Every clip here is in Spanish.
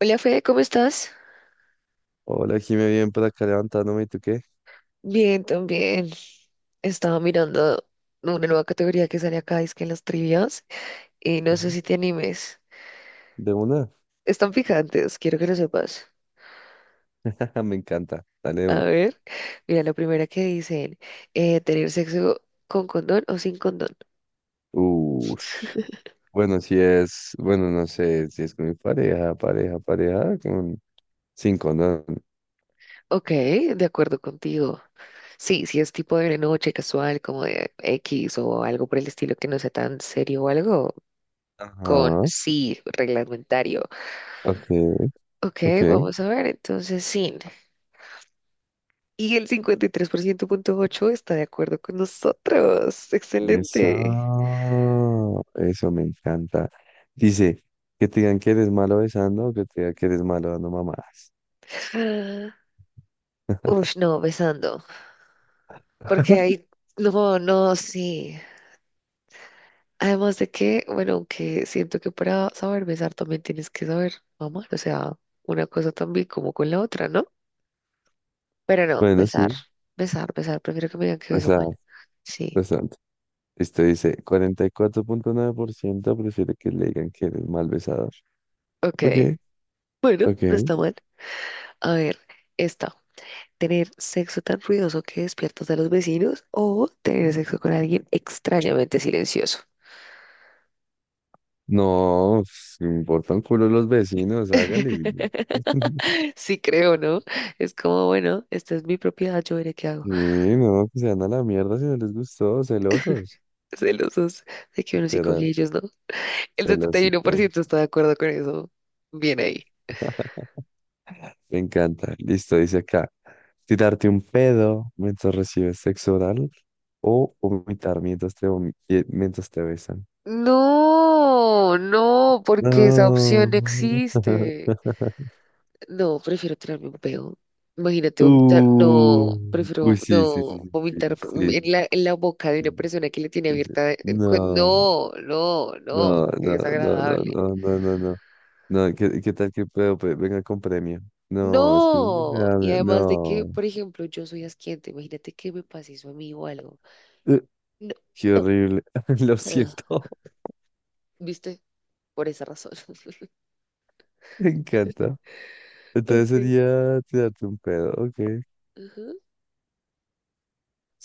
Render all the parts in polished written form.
Hola Fede, ¿cómo estás? Hola, Jimé, bien por acá levantándome. ¿Y tú qué? Bien, también. Estaba mirando una nueva categoría que sale acá, es que en las trivias, y no sé Ujú. si te animes. ¿De una? Están picantes, quiero que lo sepas. Me encanta. Dale de A una. ver, mira, la primera que dicen, ¿tener sexo con condón o sin condón? Ush. Bueno, no sé, si es con mi pareja, pareja, pareja, con sin condón. Ok, de acuerdo contigo. Sí, si es tipo de noche casual, como de X o algo por el estilo que no sea tan serio o algo, con Ajá. sí, reglamentario. Ok, Ok, ok. vamos a ver, entonces sin. Y el 53.8% está de acuerdo con nosotros. Excelente. Eso me encanta. Dice, que te digan que eres malo besando o que te digan que eres malo dando mamás. Ah, uf, no, besando. Porque ahí, no, no, sí. Además de que, bueno, aunque siento que para saber besar también tienes que saber amar. O sea, una cosa también como con la otra, ¿no? Pero no, Bueno, besar, sí. besar, besar. Prefiero que me digan que O beso sea, mal. Sí. esto dice, 44,9% prefiere que le digan que eres mal besador. Ok. Ok, Bueno, no ok. está mal. A ver, esta. Tener sexo tan ruidoso que despiertas a los vecinos o tener sexo con alguien extrañamente silencioso. No, pues, me importa un culo los vecinos, hágale. Sí, creo, ¿no? Es como, bueno, esta es mi propiedad, yo veré qué hago. Sí, no, que se van a la mierda si no les gustó, celosos. Celosos de que uno sí coge Literal, y ellos, ¿no? El setenta y uno por celosito. ciento está de acuerdo con eso. Bien ahí. Me encanta. Listo, dice acá. Tirarte un pedo mientras recibes sexo oral o vomitar mientras te, mientras te besan. No, no, porque esa opción no No. existe. No, prefiero tirarme un peo. Imagínate vomitar. No, Uh, uy, prefiero sí, sí, sí, no sí, vomitar sí, sí, en la boca de sí, una persona que le tiene sí, sí. abierta. No, No, no, no. no, Qué no, no, no, desagradable. no, no, no, no, no, ¿qué, qué tal que puedo? Venga con premio. No, es que No. Y además de que, no, por ejemplo, yo soy asquiente. Imagínate que me pase eso a mí o algo. Eh, No. qué No, horrible, lo ah, siento, ¿viste? Por esa razón. me encanta. Entonces Okay. sería tirarte un pedo, ok, Ujú.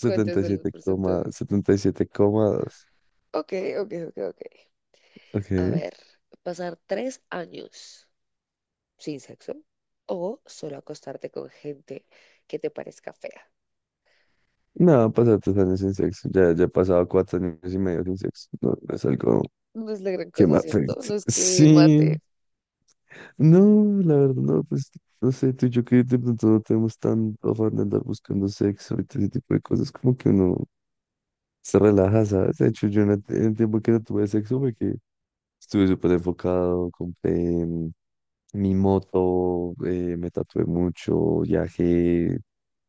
¿Cuántos y son los siete coma porcentajes? setenta y siete coma dos, Ok, ok, ok, ok. A ok. ver, pasar 3 años sin sexo o solo acostarte con gente que te parezca fea. No, pasar 3 años sin sexo, ya, ya he pasado 4 años y medio sin sexo, no, no es algo No es la gran qué cosa, más ¿cierto? afecte. No es que Sí, mate. no, la verdad, no, pues no sé, tú y yo que de pronto no tenemos tan afán de andar buscando sexo y todo ese tipo de cosas, como que uno se relaja, ¿sabes? De hecho, yo en el tiempo que no tuve sexo, fue que estuve súper enfocado, compré mi moto, me tatué mucho, viajé,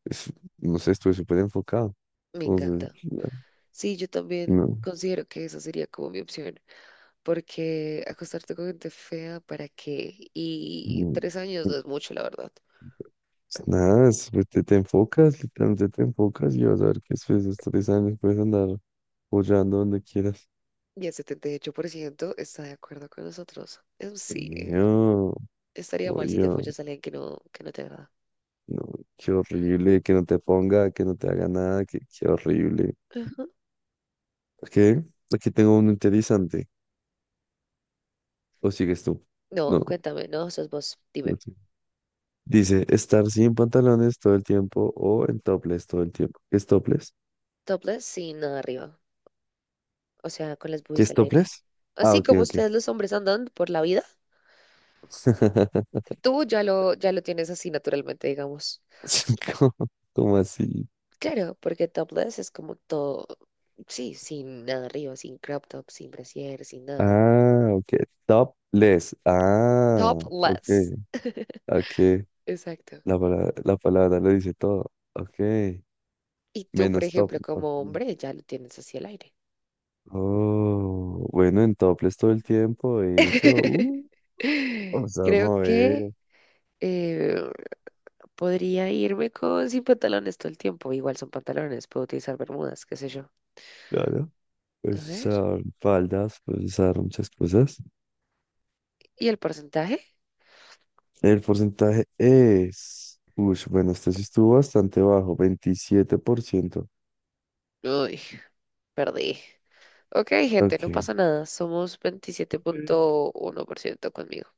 es- no sé, estuve súper enfocado. Me Entonces, encanta. no, Sí, yo también no, considero que esa sería como mi opción, porque acostarte con gente fea, ¿para qué? Y no. 3 años no es mucho, la verdad. Pues nada, pues te enfocas, literalmente te enfocas y vas a ver que después de estos 3 años puedes andar follando donde quieras. Y el 78% está de acuerdo con nosotros. Sí, Sí, no, estaría mal si oye, te follas a alguien que no te agrada. no, qué horrible, que no te ponga, que no te haga nada, que, qué horrible. Ujú. Qué, aquí tengo uno interesante. ¿O sigues tú? No, No, cuéntame, no, sos vos, no dime. sé. Dice, estar sin pantalones todo el tiempo o en topless todo el tiempo. ¿Qué es topless? Topless sin nada arriba. O sea, con las ¿Qué boobies es al aire. topless? Ah, Así ok, como ok. ustedes los hombres andan por la vida, tú ya lo tienes así naturalmente, digamos. ¿Cómo, cómo así? Claro, porque topless es como todo, sí, sin nada arriba, sin crop top, sin brasier, sin nada. Ah, ok. Topless. Ah, ok. Topless, Ok. exacto. La palabra lo dice todo. Ok. Y tú, por Menos top. ejemplo, Ok. como hombre, ya lo tienes así al aire. Oh, bueno, en topless todo el tiempo. Eso. Vamos a Creo que mover. eh, podría irme con sin pantalones todo el tiempo. Igual son pantalones, puedo utilizar bermudas, qué sé yo. Claro. A Puedes ver. usar faldas, puedes usar muchas cosas. ¿Y el porcentaje? El porcentaje es. Uy, bueno, este sí estuvo bastante bajo, 27%. Uy, perdí. Ok, gente, no Ok. pasa nada. Somos Ok. 27.1% conmigo.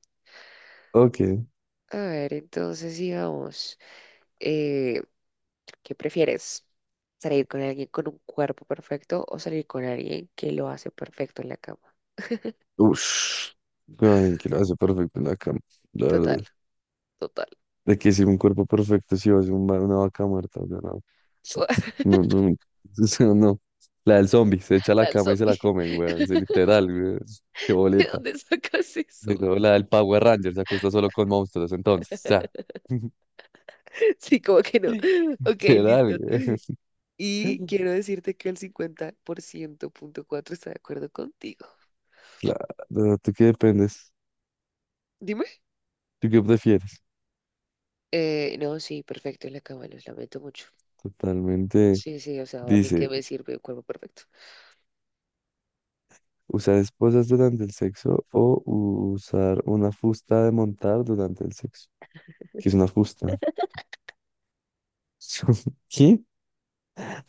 Ok. A ver, entonces sigamos. Eh, ¿Qué prefieres? ¿Salir con alguien con un cuerpo perfecto o salir con alguien que lo hace perfecto en la cama? Ush, ay, que lo hace perfecto en la cama, la Total, verdad. total. De que si un cuerpo perfecto, si va a ser un una vaca muerta, o sea, no. No, no, o sea, no. La del zombie, se echa a la Dale, cama y se la zombie. comen, weón. Se literal, weón. Qué ¿De boleta. dónde sacas eso? Pero la del Power Ranger se acuesta solo con monstruos, entonces, ya. Sí, como que no. Ok, Literal, listo. güey. Y quiero decirte que el 50.4 está de acuerdo contigo. Claro, ¿tú qué dependes? Dime. ¿Tú qué prefieres? No, sí, perfecto en la cama, los lamento mucho. Totalmente. Sí, sí, o sea, a mí que Dice. me sirve un cuerpo perfecto. Usar esposas durante el sexo o usar una fusta de montar durante el sexo. ¿Qué es una fusta? ¿Qué?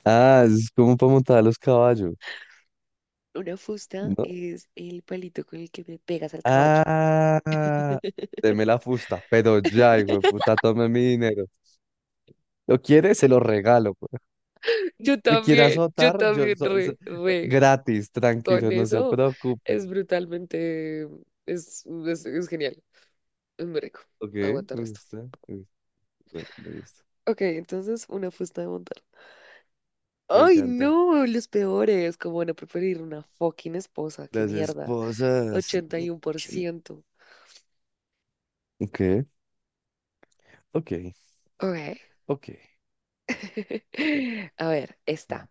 Ah, es como para montar a los caballos, Una fusta ¿no? es el palito con el que me pegas al caballo. Ah, deme la fusta, pero ya, hijo de puta, tome mi dinero. ¿Lo quiere? Se lo regalo, pues. ¿Me quiere yo azotar? Yo, también, re, re. gratis, Con tranquilo, no se eso es preocupe. brutalmente, es genial, es muy rico. Ok, Aguanta el me resto. gusta, me gusta, bueno, me gusta. Ok, entonces una fusta de montar. Me Ay, encanta. no, los peores. ¿Como van a preferir una fucking esposa? ¡Qué Las mierda! esposas. 81%. Ok, ok. Ok. Ok, te toca. A ver, está. Ujú.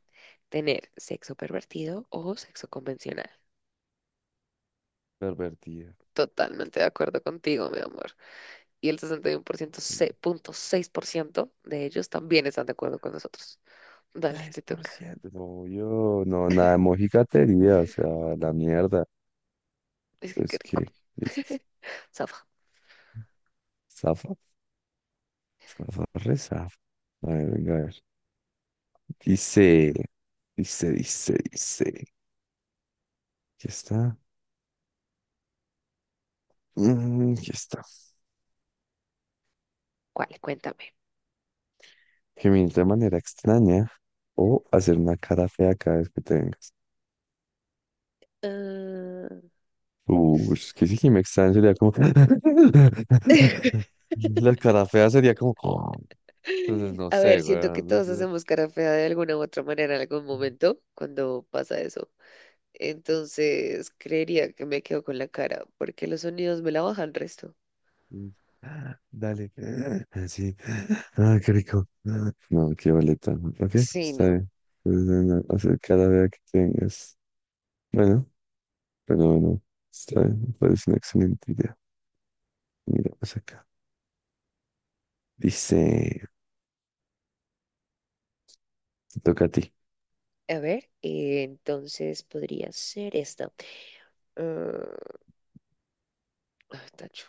Tener sexo pervertido o sexo convencional. Pervertida. Totalmente de acuerdo contigo, mi amor. Y el 61% punto 6% de ellos también están de acuerdo con nosotros. Dale, te toca. 3%. No, yo, no, nada de mojigatería, o sea, la mierda. Es que qué Entonces, rico. ¿qué? Listo. Safa, Zafa, zafa, re zafa. A ver, venga, a ver. Dice, dice. Aquí está. Mm, aquí está. ¿cuál? Cuéntame. Gemir de manera extraña o hacer una cara fea cada vez que te vengas. Ah. Uy, es que si me extraña sería como... La cara fea sería como... Entonces, no A ver, sé, siento que weón, todos no hacemos cara fea de alguna u otra manera en algún sé. momento cuando pasa eso. Entonces, creería que me quedo con la cara porque los sonidos me la bajan resto. Dale. Sí. Ah, qué rico. No, qué boleta. Ok, Sí, está no. bien. Pues, bueno, o sea, cada vez que tengas. Bueno, pero bueno, está bien. Me parece una excelente idea. Mira, pues acá. Dice, te toca a ti. A ver, entonces podría ser esta. Ah, ah, tacho.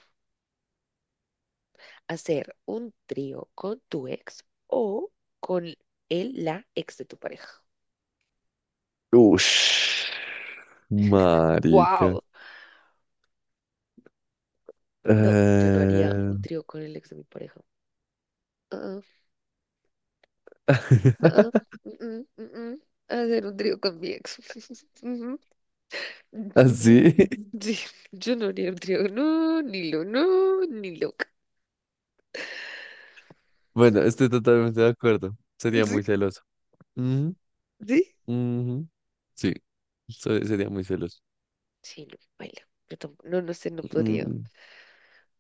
Hacer un trío con tu ex o con la ex de tu pareja. Ush, marica. ¡Wow! No, yo no haría Eh, un trío con el ex de mi pareja. Ah, ah, no, ah, mm, mm, mm, mm. Hacer un trío con mi ex. Ujú, ujú. Así. Sí, yo no haría un trío. No, ni lo, no, ni loca. Bueno, estoy totalmente de acuerdo. Sería Sí, muy celoso. Ujú, sí. ujú. Sí, sería muy celoso. Sí, no, baila. Yo tampoco, no, no sé, no podría. Mm,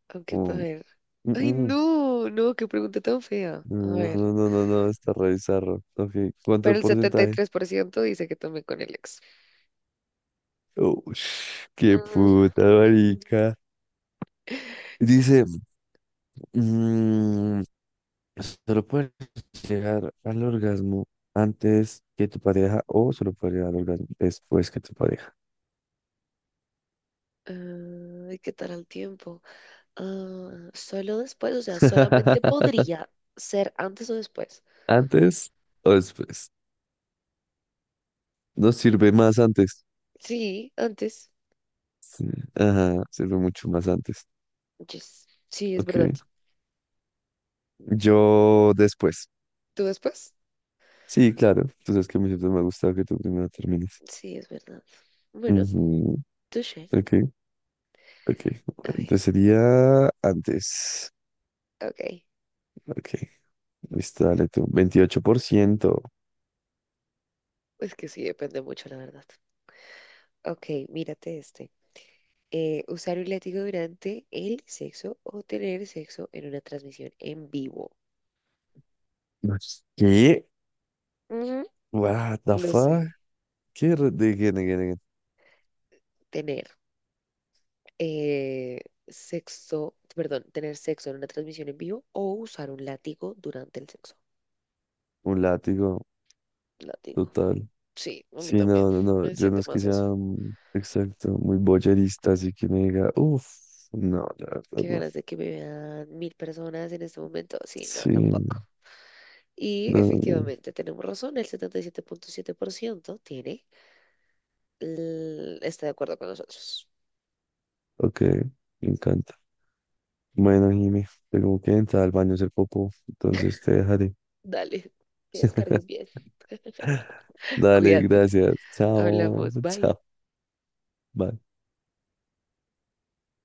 Aunque, a mm, ver. mm, Ay, mm. no, no, qué pregunta tan fea. A No, ver, no, no, no, no, está re bizarro. Ok, ¿cuánto de pero el setenta y porcentaje? tres por ciento dice que también con el ex. Oh, qué Ujú. puta marica. Dice, mm, solo puedes llegar al orgasmo antes que tu pareja o solo puedes llegar al orgasmo después que tu pareja. Ah, ¿y qué tal el tiempo? Ah, solo después, o sea, solamente podría ser antes o después. ¿Antes o después? Nos sirve más antes. Sí, antes. Sí, ajá, sirve mucho más antes. Yes. Sí, es Ok, verdad. yo después. ¿Tú después? Sí, claro. Tú sabes que a mí siempre me ha gustado que tú primero termines. Sí, es verdad. Bueno, Ujú. touché. Ok, ok. A ver, Entonces sería antes. ok. Ok, listo, dale tú. 28%. Es que sí, depende mucho, la verdad. Ok, mírate este. Usar un látigo durante el sexo o tener sexo en una transmisión en vivo. ¿Qué? Ujú. What the Lo fuck? sé, ¿Qué? De again, again, again. tener eh, tener sexo en una transmisión en vivo o usar un látigo durante el sexo. Un látigo Látigo. total. Sí, a mí Sí, también. no, no, no. Me Yo no siento es que más sea eso. Exacto, muy boyerista, así que me diga, uff, no, la verdad Qué no. ganas de que me vean 1.000 personas en este momento. Sí, no, Sí, no, tampoco. Y no, no. efectivamente tenemos razón, el setenta y siete punto siete por ciento está de acuerdo con nosotros. Ok, me encanta. Bueno, Jimmy, tengo que entrar al baño a hacer popo, entonces te dejaré. Dale, que descargues bien. Dale, Cuídate. gracias. Chao, Hablamos. Bye. chao. Bye.